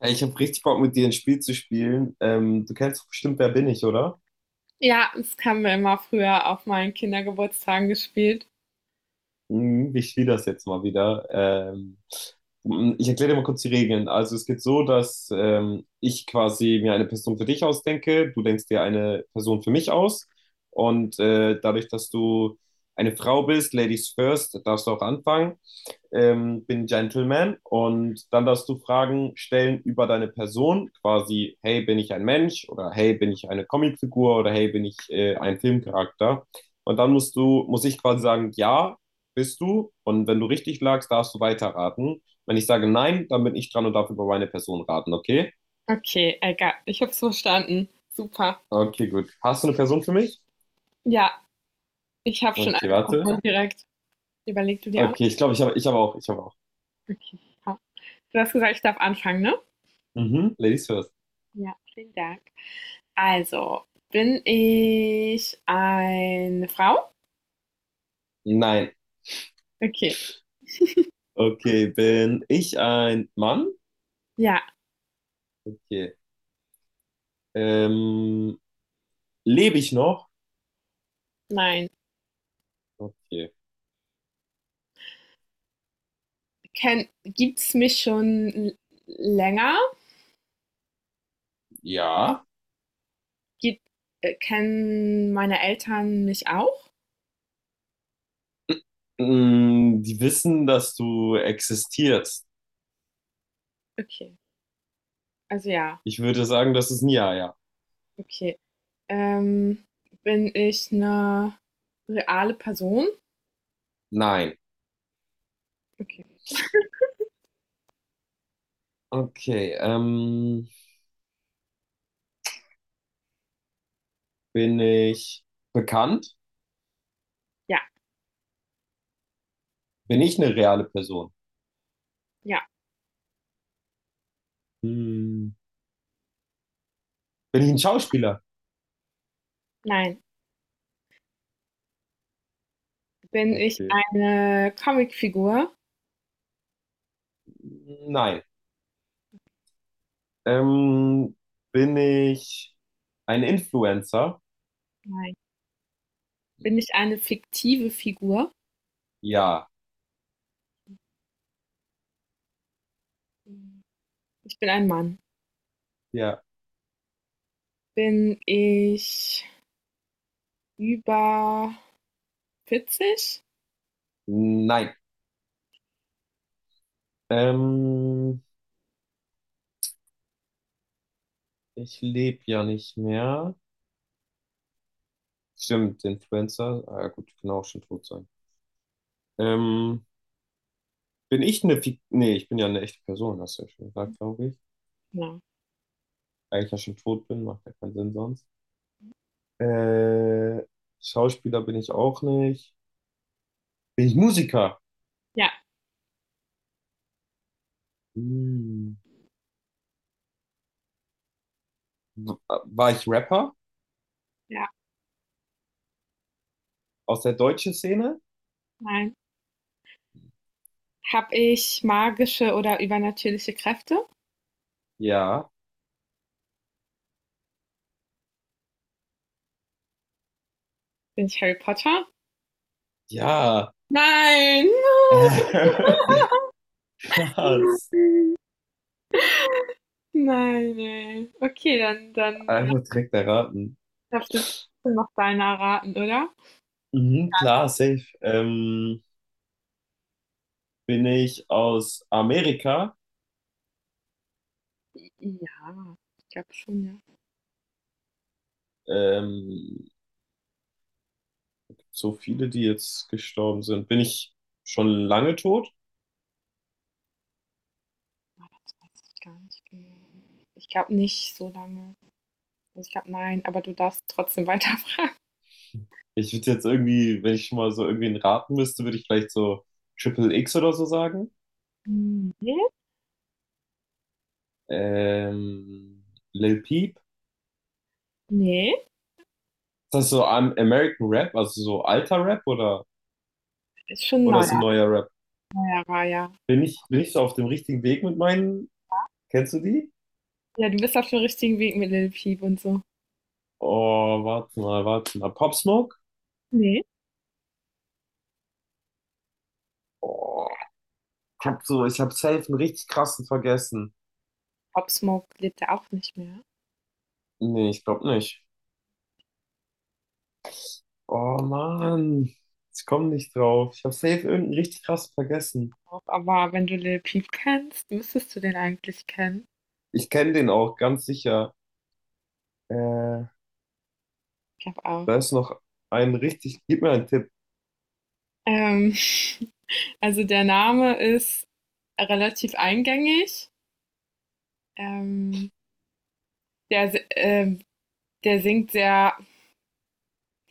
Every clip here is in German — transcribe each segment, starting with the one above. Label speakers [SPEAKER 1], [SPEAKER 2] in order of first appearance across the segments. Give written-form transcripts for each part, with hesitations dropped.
[SPEAKER 1] Ey, ich habe richtig Bock, mit dir ein Spiel zu spielen. Du kennst doch bestimmt Wer bin ich, oder?
[SPEAKER 2] Ja, das haben wir immer früher auf meinen Kindergeburtstagen gespielt.
[SPEAKER 1] Hm, ich spiele das jetzt mal wieder. Ich erkläre dir mal kurz die Regeln. Also es geht so, dass ich quasi mir eine Person für dich ausdenke, du denkst dir eine Person für mich aus. Und dadurch, dass du eine Frau bist, Ladies first, darfst du auch anfangen. Ähm, bin Gentleman und dann darfst du Fragen stellen über deine Person, quasi, hey, bin ich ein Mensch oder hey, bin ich eine Comicfigur oder hey, bin ich ein Filmcharakter? Und dann muss ich quasi sagen, ja, bist du. Und wenn du richtig lagst, darfst du weiterraten. Wenn ich sage nein, dann bin ich dran und darf über meine Person raten, okay?
[SPEAKER 2] Okay, egal. Ich hab's verstanden. Super.
[SPEAKER 1] Okay, gut. Hast du eine Person für mich?
[SPEAKER 2] Ja, ich habe schon
[SPEAKER 1] Okay,
[SPEAKER 2] angefangen
[SPEAKER 1] warte.
[SPEAKER 2] und direkt. Überlegst du dir auch?
[SPEAKER 1] Okay, ich glaube, ich habe auch.
[SPEAKER 2] Okay. Ja. Du hast gesagt, ich darf anfangen, ne?
[SPEAKER 1] Mhm, Ladies first.
[SPEAKER 2] Ja, vielen Dank. Also, bin ich eine Frau?
[SPEAKER 1] Nein.
[SPEAKER 2] Okay.
[SPEAKER 1] Okay, bin ich ein Mann?
[SPEAKER 2] Ja,
[SPEAKER 1] Okay. Ähm, lebe ich noch?
[SPEAKER 2] nein.
[SPEAKER 1] Okay.
[SPEAKER 2] Gibt's mich schon länger?
[SPEAKER 1] Ja.
[SPEAKER 2] Gibt, kennen meine Eltern mich auch?
[SPEAKER 1] Mm, die wissen, dass du existierst.
[SPEAKER 2] Okay. Also ja.
[SPEAKER 1] Ich würde sagen, das ist ein Ja, ja.
[SPEAKER 2] Okay. Ähm, bin ich eine reale Person?
[SPEAKER 1] Nein.
[SPEAKER 2] Okay.
[SPEAKER 1] Okay. Bin ich bekannt?
[SPEAKER 2] Ja,
[SPEAKER 1] Bin ich eine reale Person?
[SPEAKER 2] ja,
[SPEAKER 1] Hm. Bin ich ein Schauspieler?
[SPEAKER 2] nein. Bin ich
[SPEAKER 1] Okay.
[SPEAKER 2] eine Comicfigur?
[SPEAKER 1] Nein. Ähm, Bin ich ein Influencer?
[SPEAKER 2] Nein. Bin ich eine fiktive Figur?
[SPEAKER 1] Ja.
[SPEAKER 2] Hm, ich bin ein Mann.
[SPEAKER 1] Ja.
[SPEAKER 2] Bin ich über vierzig?
[SPEAKER 1] Nein. Ähm, ich lebe ja nicht mehr. Stimmt, Influencer. Ah, ja, gut, kann auch schon tot sein. Ähm, bin ich eine Fik Nee, ich bin ja eine echte Person, hast du ja schon gesagt, glaube ich.
[SPEAKER 2] Ja.
[SPEAKER 1] Da ich ja schon tot bin, macht ja keinen Sinn sonst. Äh, Schauspieler bin ich auch nicht. Bin ich Musiker?
[SPEAKER 2] Ja,
[SPEAKER 1] Hm. War ich Rapper
[SPEAKER 2] ja,
[SPEAKER 1] aus der deutschen Szene?
[SPEAKER 2] nein. Hab ich magische oder übernatürliche Kräfte?
[SPEAKER 1] Ja.
[SPEAKER 2] Bin ich Harry Potter?
[SPEAKER 1] Ja.
[SPEAKER 2] Nein.
[SPEAKER 1] Äh, krass.
[SPEAKER 2] Nein, ey. Okay, dann
[SPEAKER 1] Einfach direkt erraten.
[SPEAKER 2] darfst du jetzt trotzdem noch deinen erraten, oder?
[SPEAKER 1] Mhm, klar, safe. Bin ich aus Amerika?
[SPEAKER 2] Ja, ich glaube schon, ja.
[SPEAKER 1] Ähm, so viele, die jetzt gestorben sind. Bin ich schon lange tot?
[SPEAKER 2] Das weiß ich gar nicht genau. Ich glaube nicht so lange. Also, ich glaube, nein, aber du darfst trotzdem weiterfragen.
[SPEAKER 1] Ich würde jetzt irgendwie, wenn ich schon mal so irgendwen raten müsste, würde ich vielleicht so Triple X oder so sagen.
[SPEAKER 2] Nee,
[SPEAKER 1] Ähm, Lil Peep. Ist
[SPEAKER 2] nee,
[SPEAKER 1] das so American Rap, also so alter Rap
[SPEAKER 2] ist schon
[SPEAKER 1] oder so
[SPEAKER 2] neuer,
[SPEAKER 1] neuer Rap?
[SPEAKER 2] neuerer, ja.
[SPEAKER 1] Bin ich so auf dem richtigen Weg mit meinen? Kennst du die?
[SPEAKER 2] Ja, du bist auf dem richtigen Weg mit Lil Peep und so.
[SPEAKER 1] Oh, warte mal. Pop Smoke?
[SPEAKER 2] Nee,
[SPEAKER 1] Oh, ich hab safe einen richtig krassen vergessen.
[SPEAKER 2] Pop Smoke lebt ja auch nicht mehr.
[SPEAKER 1] Nee, ich glaube nicht. Oh Mann, ich komme nicht drauf. Ich habe safe irgendeinen richtig krass vergessen.
[SPEAKER 2] Aber wenn du Lil Peep kennst, müsstest du den eigentlich kennen.
[SPEAKER 1] Ich kenne den auch, ganz sicher. Äh,
[SPEAKER 2] Ich glaube auch.
[SPEAKER 1] da ist noch ein richtig. Gib mir einen Tipp.
[SPEAKER 2] Ähm, Also der Name ist relativ eingängig. Ähm, der, si- ähm, der singt sehr,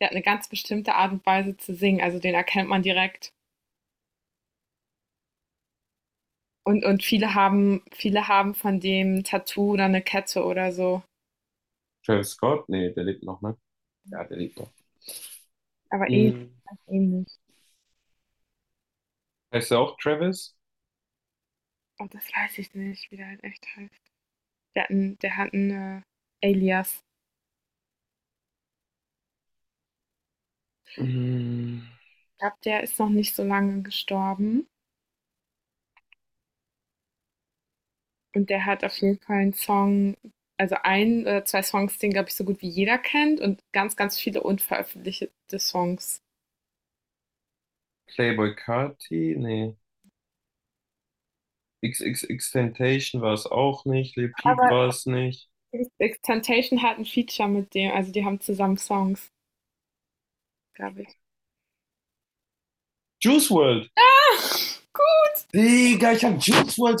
[SPEAKER 2] der hat eine ganz bestimmte Art und Weise zu singen, also den erkennt man direkt. Und viele haben von dem ein Tattoo oder eine Kette oder so.
[SPEAKER 1] Travis Scott? Nee, der lebt noch, ne? Ja, der lebt noch.
[SPEAKER 2] Aber ähnlich,
[SPEAKER 1] Mhm.
[SPEAKER 2] ähnlich.
[SPEAKER 1] Heißt er auch Travis?
[SPEAKER 2] Oh, das weiß ich nicht, wie der halt echt heißt. Der hat einen Alias.
[SPEAKER 1] Mhm.
[SPEAKER 2] Ich glaube, der ist noch nicht so lange gestorben. Und der hat auf jeden Fall 'n Song, also ein oder 2 Songs, den, glaube ich, so gut wie jeder kennt und ganz, ganz viele unveröffentlichte Songs.
[SPEAKER 1] Playboi Carti? Nee. XXXTentacion war es auch nicht. Lil Peep
[SPEAKER 2] Aber
[SPEAKER 1] war es nicht.
[SPEAKER 2] x hat ein Feature mit dem, also die haben zusammen Songs, glaube ich.
[SPEAKER 1] Juice WRLD!
[SPEAKER 2] Ah, gut.
[SPEAKER 1] Digga, ich habe Juice World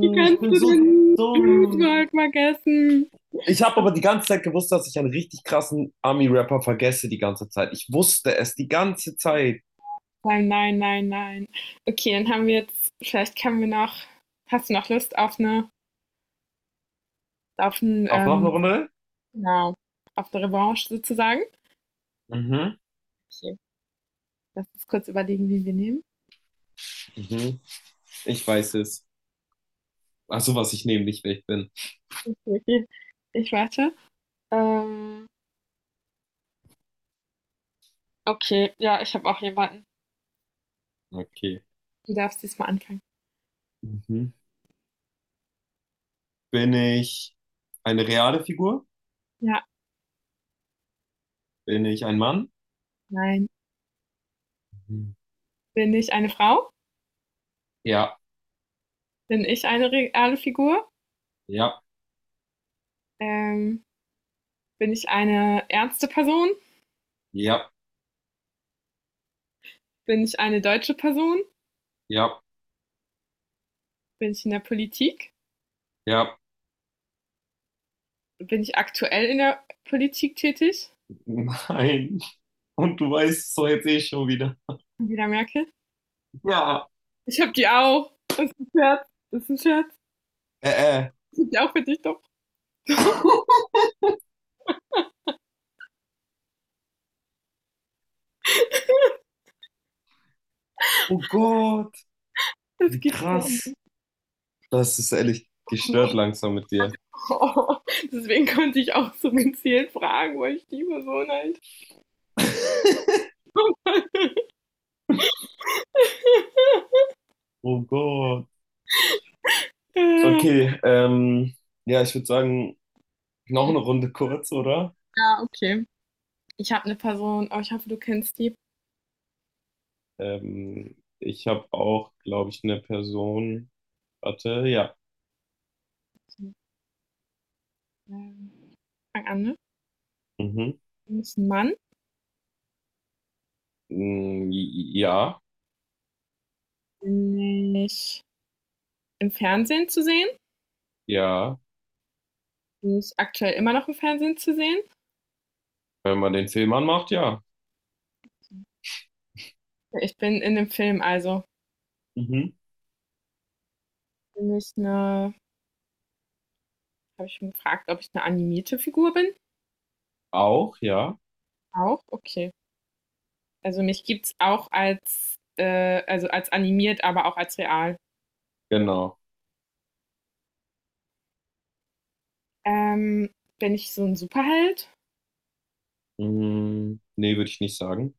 [SPEAKER 2] Wie
[SPEAKER 1] Ich
[SPEAKER 2] kannst
[SPEAKER 1] bin
[SPEAKER 2] du
[SPEAKER 1] so
[SPEAKER 2] den Juice
[SPEAKER 1] dumm.
[SPEAKER 2] WRLD vergessen?
[SPEAKER 1] Ich habe aber die ganze Zeit gewusst, dass ich einen richtig krassen Ami-Rapper vergesse die ganze Zeit. Ich wusste es die ganze Zeit.
[SPEAKER 2] Nein, nein, nein, nein. Okay, dann haben wir jetzt vielleicht können wir noch hast du noch Lust auf eine, auf 'n,
[SPEAKER 1] Auf noch eine Runde?
[SPEAKER 2] genau, auf eine Revanche sozusagen?
[SPEAKER 1] Mhm.
[SPEAKER 2] Okay, lass uns kurz überlegen, wen wir nehmen.
[SPEAKER 1] Mhm. Ich weiß es. Ach so, was ich nehme, nicht wer ich bin.
[SPEAKER 2] Okay, ich warte. Ähm, okay, ja, ich habe auch jemanden.
[SPEAKER 1] Okay.
[SPEAKER 2] Du darfst diesmal anfangen.
[SPEAKER 1] Mhm. Bin ich eine reale Figur?
[SPEAKER 2] Ja,
[SPEAKER 1] Bin ich ein Mann?
[SPEAKER 2] nein.
[SPEAKER 1] Mhm.
[SPEAKER 2] Bin ich eine Frau?
[SPEAKER 1] Ja,
[SPEAKER 2] Bin ich eine reale Figur?
[SPEAKER 1] ja,
[SPEAKER 2] Ähm, bin ich eine ernste Person?
[SPEAKER 1] ja,
[SPEAKER 2] Bin ich eine deutsche Person?
[SPEAKER 1] ja,
[SPEAKER 2] Bin ich in der Politik?
[SPEAKER 1] ja.
[SPEAKER 2] Bin ich aktuell in der Politik tätig?
[SPEAKER 1] Nein. Und du weißt es doch jetzt eh schon wieder.
[SPEAKER 2] Angela Merkel?
[SPEAKER 1] Ja.
[SPEAKER 2] Ich habe die auch. Scherz. Das ist ein Scherz.
[SPEAKER 1] Äh, äh.
[SPEAKER 2] Ich hab die auch für dich doch.
[SPEAKER 1] Oh Gott,
[SPEAKER 2] Das
[SPEAKER 1] wie
[SPEAKER 2] gibt's doch
[SPEAKER 1] krass.
[SPEAKER 2] nicht.
[SPEAKER 1] Das ist ehrlich gestört langsam mit dir.
[SPEAKER 2] Oh, deswegen konnte ich auch so gezielt fragen, wo ich die Person eigentlich
[SPEAKER 1] Oh Gott.
[SPEAKER 2] ja,
[SPEAKER 1] Okay, ja, ich würde sagen, noch eine Runde kurz, oder?
[SPEAKER 2] okay. Ich habe eine Person, aber ich hoffe, du kennst die.
[SPEAKER 1] Ich habe auch, glaube ich, eine Person. Warte, ja.
[SPEAKER 2] Ähm, Fang an, ne?
[SPEAKER 1] Mhm.
[SPEAKER 2] Ist ein Mann,
[SPEAKER 1] Mm, ja,
[SPEAKER 2] nicht im Fernsehen zu sehen.
[SPEAKER 1] ja.
[SPEAKER 2] Die ist aktuell immer noch im Fernsehen zu sehen.
[SPEAKER 1] Wenn man den Film anmacht, ja.
[SPEAKER 2] Ich bin in dem Film, also
[SPEAKER 1] Mhm.
[SPEAKER 2] bin ich eine, habe ich schon gefragt, ob ich eine animierte Figur bin?
[SPEAKER 1] Auch, ja.
[SPEAKER 2] Auch, okay. Also mich gibt's auch als animiert, aber auch als real.
[SPEAKER 1] Genau.
[SPEAKER 2] Ähm, bin ich so ein Superheld?
[SPEAKER 1] Mm, nee, würde ich nicht sagen.